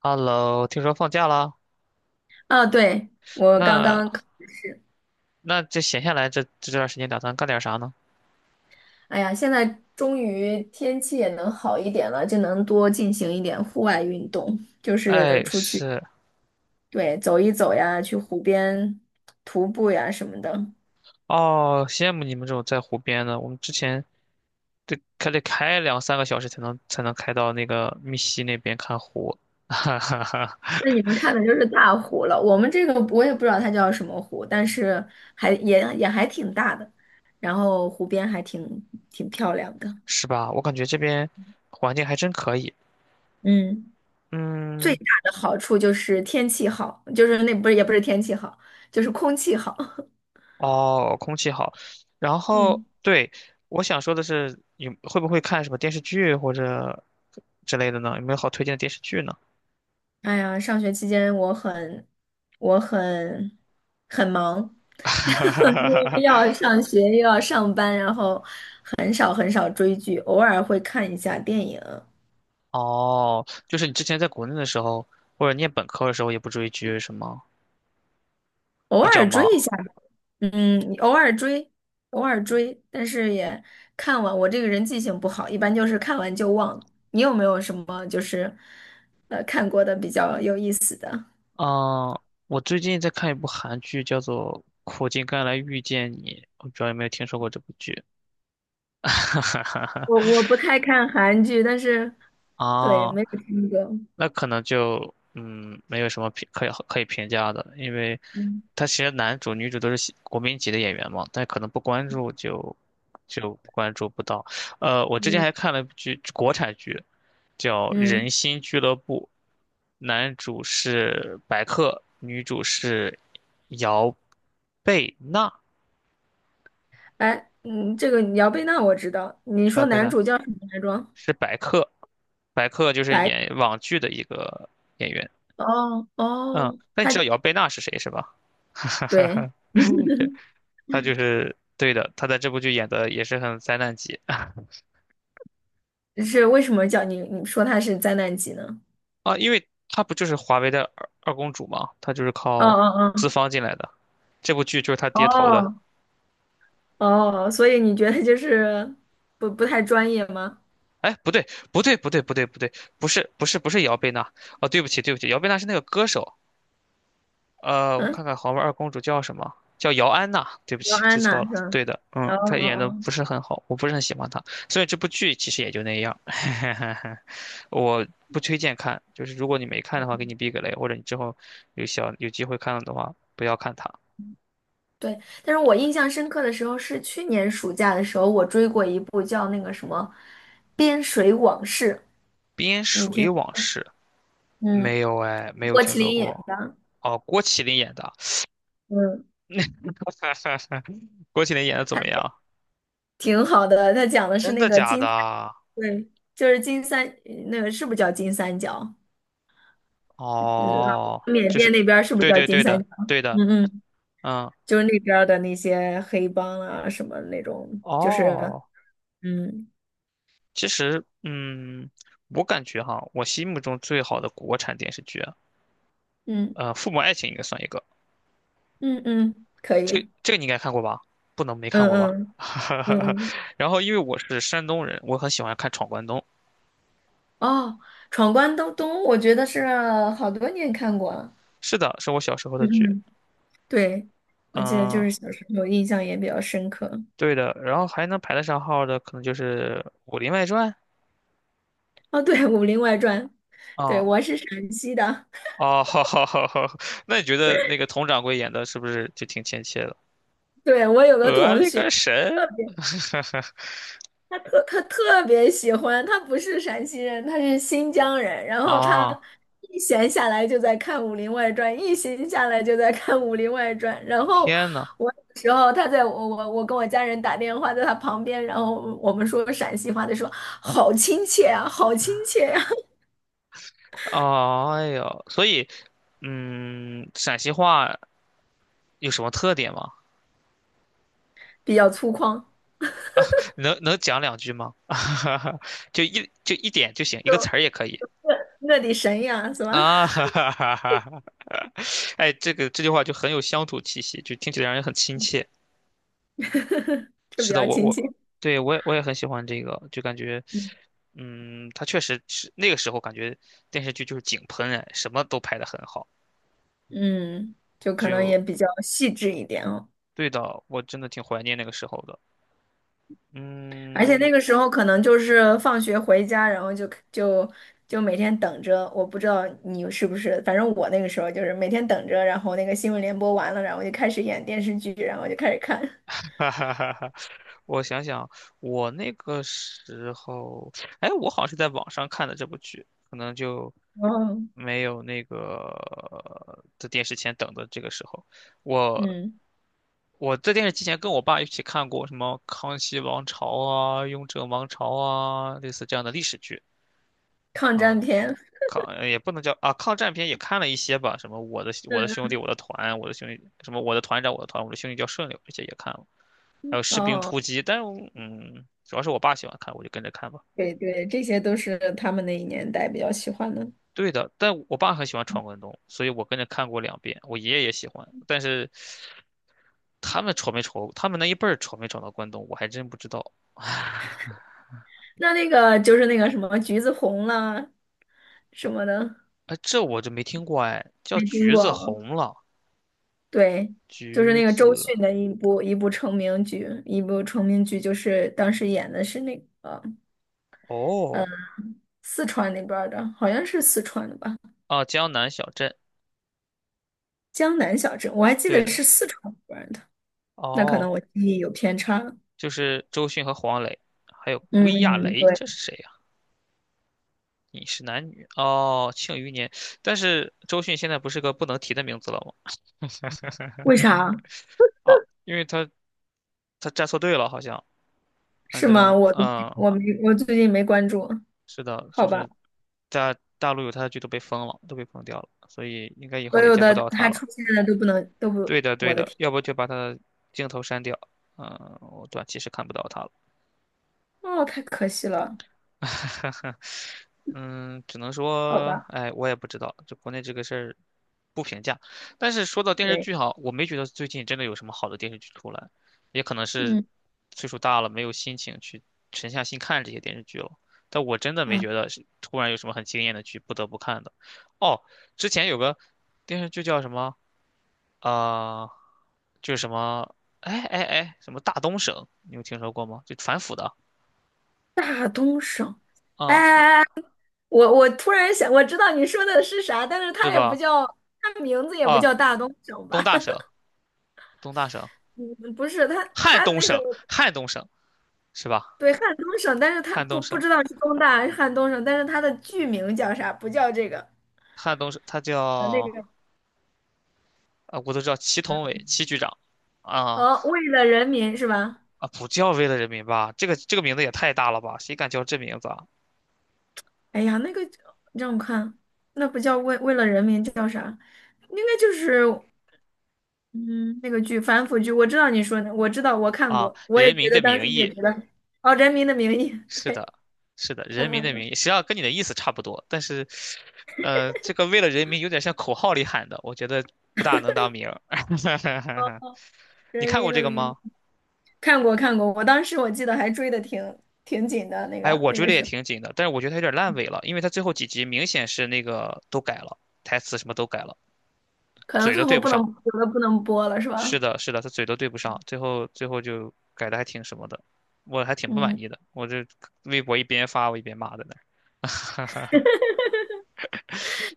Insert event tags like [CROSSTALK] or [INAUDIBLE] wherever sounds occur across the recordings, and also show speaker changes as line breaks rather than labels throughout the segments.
Hello，听说放假啦？
啊，对，我刚刚，
那那这闲下来这段时间打算干点啥呢？
哎呀，现在终于天气也能好一点了，就能多进行一点户外运动，就是
哎，
出去，
是
对，走一走呀，去湖边徒步呀什么的。
哦，羡慕你们这种在湖边的。我们之前得还得开两三个小时才能开到那个密西那边看湖，[LAUGHS] 哈哈哈，
那你们看的就是大湖了，我们这个我也不知道它叫什么湖，但是还也还挺大的，然后湖边还挺漂亮的。
是吧？我感觉这边环境还真可以。
嗯，最
嗯，
大的好处就是天气好，就是那不是也不是天气好，就是空气好。
哦，空气好。然
[LAUGHS]
后
嗯。
对，我想说的是，你会不会看什么电视剧或者之类的呢？有没有好推荐的电视剧呢？
哎呀，上学期间我很忙，[LAUGHS] 然后又
[LAUGHS]
要上学又要上班，然后很少很少追剧，偶尔会看一下电影，
哦，就是你之前在国内的时候，或者念本科的时候也不追剧是吗？
偶
比较
尔追一
忙。
下吧，嗯，偶尔追，但是也看完。我这个人记性不好，一般就是看完就忘。你有没有什么就是看过的比较有意思的？
嗯，我最近在看一部韩剧，叫做《苦尽甘来遇见你》，我不知道有没有听说过这部剧。
我不太看韩剧，但是对，
啊，
没有听过，
那可能就嗯，没有什么评可以评价的，因为
嗯
他其实男主女主都是喜国民级的演员嘛，但可能不关注就关注不到。我之前
嗯。
还看了一部剧，国产剧叫
嗯，
《人心俱乐部》，男主是白客，女主是姚贝娜，
哎，嗯，这个姚贝娜我知道。你
姚
说
贝
男
娜
主叫什么来着？
是白客，白客就是
白客，
演网剧的一个演员。
哦
嗯，
哦，
那你
他
知道姚贝娜是谁是吧？
对，
[LAUGHS] 她就是对的，她在这部剧演的也是很灾难级
是为什么叫你？你说他是灾难级呢？
啊，因为她不就是华为的二公主嘛，她就是
哦
靠资
哦
方进来的，这部剧就是她爹投的。
哦哦，哦，所以你觉得就是不太专业吗？
哎，不对，不对，不对，不对，不对，不是，不是，不是姚贝娜哦，对不起，对不起，姚贝娜是那个歌手，我
嗯，
看看豪门二公主叫什么？叫姚安娜。对不
姚
起，记
安
错
娜
了。
是吧？
对的，嗯，
哦
她
哦
演的
哦，
不是很好，我不是很喜欢她。所以这部剧其实也就那样，[LAUGHS] 我不推荐看。就是如果你没看的话，给你避个雷，或者你之后有小有机会看了的话，不要看她。
对，但是我印象深刻的时候是去年暑假的时候，我追过一部叫那个什么《边水往事》，
《边
你
水
听，
往事》
嗯，
没有哎，没有
郭
听
麒
说
麟演
过。
的，
哦，郭麒麟演的，
嗯。
[LAUGHS] 郭麒麟演的怎么样？
挺好的，他讲的是
真
那
的
个
假
金三
的？
[LAUGHS]，对，就是金三，那个是不是叫金三角？嗯，
哦，
缅
就
甸
是，
那边儿是不是
对
叫
对
金
对
三
的，
角？
对
[LAUGHS]
的，
嗯嗯，
嗯。
就是那边儿的那些黑帮啊，什么那种，就是，
哦，
嗯
其实，嗯，我感觉哈，我心目中最好的国产电视剧啊
嗯
呃，《父母爱情》应该算一个，
嗯嗯，可以，
这
嗯
这个你应该看过吧？不能没看
嗯
过吧？
嗯
[LAUGHS]
嗯，
然后，因为我是山东人，我很喜欢看《闯关东》。
哦，《闯关东东》，我觉得是好多年看过了，
是的，是我小时候的
嗯
剧。
嗯，对，我记得就
嗯，
是小时候印象也比较深刻。
对的。然后还能排得上号的，可能就是《武林外传》
哦，对，《武林外传》，对，
啊、
我是陕西的。
哦，[LAUGHS] 好好好好。那你觉得那个佟掌柜演的是不是就挺亲切的？
对，我有个
我
同
勒
学，
个神！
特别，他特别喜欢，他不是陕西人，他是新疆人。然
[LAUGHS]
后他
啊，
一闲下来就在看《武林外传》，一闲下来就在看《武林外传》。然后
天呐！
我有时候他在我跟我家人打电话，在他旁边，然后我们说陕西话，他说好亲切啊，好亲切呀、
哦，哎呦，所以，嗯，陕西话有什么特点吗？
[LAUGHS] 比较粗犷，
能能讲两句吗？[LAUGHS] 就一就一点就行，一个词
就
儿也可以
我的神呀，是吧？
啊。[LAUGHS] 哈哈哈哈！哎，这个这句话就很有乡土气息，就听起来让人很亲切。
就
是
比
的，
较
我
亲切，
我对我也很喜欢这个，就感觉，
嗯，
嗯，他确实是那个时候感觉电视剧就是井喷哎，什么都拍得很好。
嗯就可能也
就
比较细致一点哦。
对的，我真的挺怀念那个时候的。
而且
嗯，
那个时候可能就是放学回家，然后就每天等着。我不知道你是不是，反正我那个时候就是每天等着，然后那个新闻联播完了，然后就开始演电视剧，然后就开始看。[LAUGHS]
[LAUGHS] 哈哈哈哈，我想想，我那个时候，哎，我好像是在网上看的这部剧，可能就
哦，
没有那个在电视前等的这个时候。我
嗯，
在电视机前跟我爸一起看过什么《康熙王朝》啊、《雍正王朝》啊，类似这样的历史剧
抗
啊。
战片，
也不能叫啊，抗战片也看了一些吧，什么我的兄
嗯，
弟我的团，我的兄弟什么我的团长我的团，我的兄弟叫顺溜，这些也看了。还有《士兵
哦，
突击》，但嗯，主要是我爸喜欢看，我就跟着看吧。
对对，这些都是他们那一年代比较喜欢的。
对的，但我爸很喜欢闯关东，所以我跟着看过两遍。我爷爷也喜欢，但是他们闯没闯，他们那一辈儿闯没闯到关东，我还真不知道。
那那个就是那个什么橘子红啦什么的，
哎，这我就没听过哎，叫
没听
橘子
过。
红了，
对，就是
橘
那个周
子
迅的一部成名剧就是当时演的是那个
哦
四川那边儿的，好像是四川的吧，
啊，江南小镇，
江南小镇，我还记
对
得
的
是四川那边儿的，那可能
哦，
我记忆有偏差了，
就是周迅和黄磊，还有
嗯
归亚
嗯，
蕾，
对，
这是谁你是男女哦，庆余年。但是周迅现在不是个不能提的名字了吗？[LAUGHS]
为啥？
啊，因为他他站错队了，好像，反
是吗？
正
我都，
嗯，
我没，我最近没关注，
是的，就
好吧，
是在大陆有他的剧都被封了，都被封掉了，所以应该以
所
后也
有
见不
的
到他
他
了。
出现的都不能都不，
对的，对
我的
的，
天，
要不就把他的镜头删掉，嗯，我短期是看不到他了。
哦，太可惜了，
[LAUGHS] 嗯，只能
好
说，
吧，
哎，我也不知道，就国内这个事儿不评价。但是说到电视
对，
剧哈，我没觉得最近真的有什么好的电视剧出来，也可能是
嗯，
岁数大了，没有心情去沉下心看这些电视剧了。但我真的没
啊，
觉得是突然有什么很惊艳的剧不得不看的。哦，之前有个电视剧叫什么？啊？就是什么，哎哎哎，什么大东省，你有听说过吗？就反腐的，
大东省。哎
啊，
哎哎！我突然想，我知道你说的是啥，但是它
是
也不
吧？
叫，它名字也不
啊，
叫大东省
东
吧？
大省。
[LAUGHS]
东大省、
嗯，不是，它
汉
它
东
那个
省、汉东省是吧？
对汉东省，但是它
汉
不
东
不
省、
知道是东大还是汉东省，但是它的剧名叫啥？不叫这个，
汉东省，他
呃，那
叫
个叫，
啊，我都知道祁同伟、祁局长啊
哦，为了人民是吧？
啊，不叫为了人民吧？这个这个名字也太大了吧？谁敢叫这名字啊？
哎呀，那个让我看，那不叫为了人民，叫啥？应该就是，嗯，那个剧反腐剧，我知道你说的，我知道我看
啊，
过，我也
人
觉
民
得
的
当
名
时也
义，
觉得，哦，《人民的名义》，
是
对。
的，是的，人
嗯
民的名
嗯，
义，实际上跟你的意思差不多，但是，这个为了人民有点像口号里喊的，我觉得不大能当名儿。[LAUGHS] 你
人
看过
民的
这个
名义，
吗？
看过看过，我当时我记得还追的挺紧的，那
哎，
个
我
那
追
个
的也
是，
挺紧的，但是我觉得他有点烂尾了，因为他最后几集明显是那个都改了，台词什么都改了，
可能
嘴
最
都对
后
不
不能
上。
有的不能播了，是
是
吧？
的，是的，他嘴都对不上，最后就改的还挺什么的，我还挺不满
嗯，
意的。我这微博一边发我一边骂在那儿，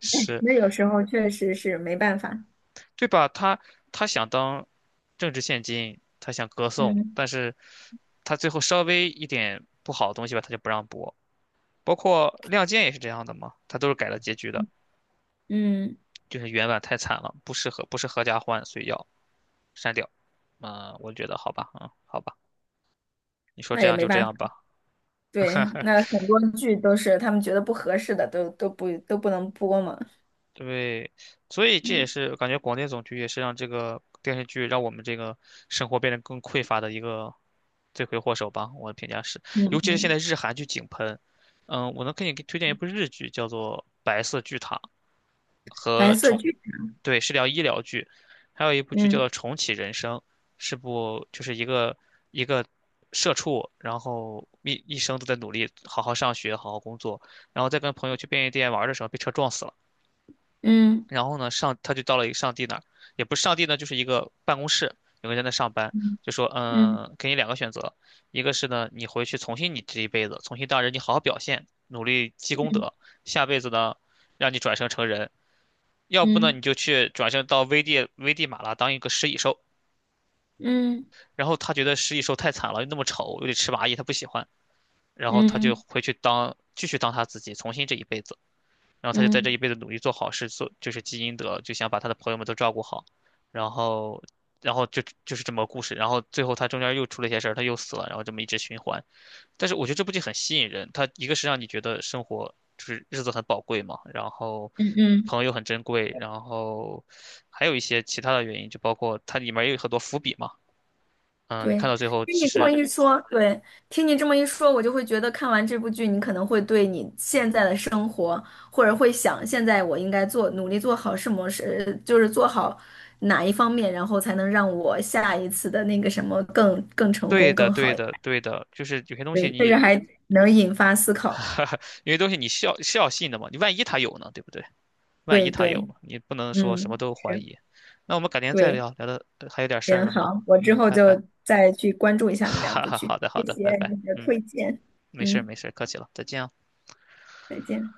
[LAUGHS] 是
那有时候确实是没办法。
对吧？他他想当政治现金，他想歌颂，
嗯
但是他最后稍微一点不好的东西吧，他就不让播。包括《亮剑》也是这样的嘛，他都是改了结局的。
嗯，
就是原版太惨了，不适合不是合家欢，所以要删掉。嗯，我觉得好吧，嗯，好吧，你说
那
这
也
样
没
就这
办法。
样吧。
对，那很多剧都是他们觉得不合适的，都不能播嘛。
对，所以这也
嗯
是感觉广电总局也是让这个电视剧让我们这个生活变得更匮乏的一个罪魁祸首吧。我的评价是，尤
嗯
其是现
嗯，
在日韩剧井喷，嗯，我能给你推荐一部日剧，叫做《白色巨塔》，和
白色
重，
剧，
对，是聊医疗剧，还有一部剧叫
嗯
做《重启人生》，是部就是一个一个社畜，然后一生都在努力，好好上学，好好工作，然后再跟朋友去便利店玩的时候被车撞死了，
嗯
然后呢上他就到了一个上帝那儿，也不是上帝呢，就是一个办公室，有个人在那上班，
嗯
就说
嗯
嗯，给你两个选择，一个是呢你回去重新你这一辈子，重新当人，你好好表现，努力积功
嗯
德，下辈子呢。让你转生成人，要不呢
嗯
你就去转身到危地马拉当一个食蚁兽，
嗯嗯
然后他觉得食蚁兽太惨了，又那么丑，又得吃蚂蚁，他不喜欢，然后他就
嗯
回去当继续当他自己，重新这一辈子，然后他就在这一
嗯
辈子努力做好事，做就是积阴德，就想把他的朋友们都照顾好，然后就是这么个故事，然后最后他中间又出了一些事儿，他又死了，然后这么一直循环，但是我觉得这部剧很吸引人，它一个是让你觉得生活就是日子很宝贵嘛，然后
嗯嗯。
朋友很珍贵，然后还有一些其他的原因，就包括它里面也有很多伏笔嘛。嗯，你
对，
看到最后，
听你
其
这对么吧
实
一说，对，听你这么一说，我就会觉得看完这部剧，你可能会对你现在的生活，或者会想现在我应该做，努力做好什么事，就是做好哪一方面，然后才能让我下一次的那个什么更成
对
功、
的，
更
对
好一
的，
点，
对的，就是有些东西
对，这个
你，
还能引发思考。
[LAUGHS] 有些东西你是要信的嘛，你万一他有呢，对不对？万
对
一他有
对，
呢，你不能说什么
嗯，
都怀
是，
疑。那我们改天再
对，
聊，聊的还有点事儿
行，
了吗？
好，我之
嗯，
后
拜
就
拜。
再去关注一
[LAUGHS]
下
哈
那两
哈
部
哈，
剧。
好的，好
谢
的，拜
谢
拜。
你的
嗯，
推荐，
没事儿
嗯，
没事儿客气了，再见啊。
再见。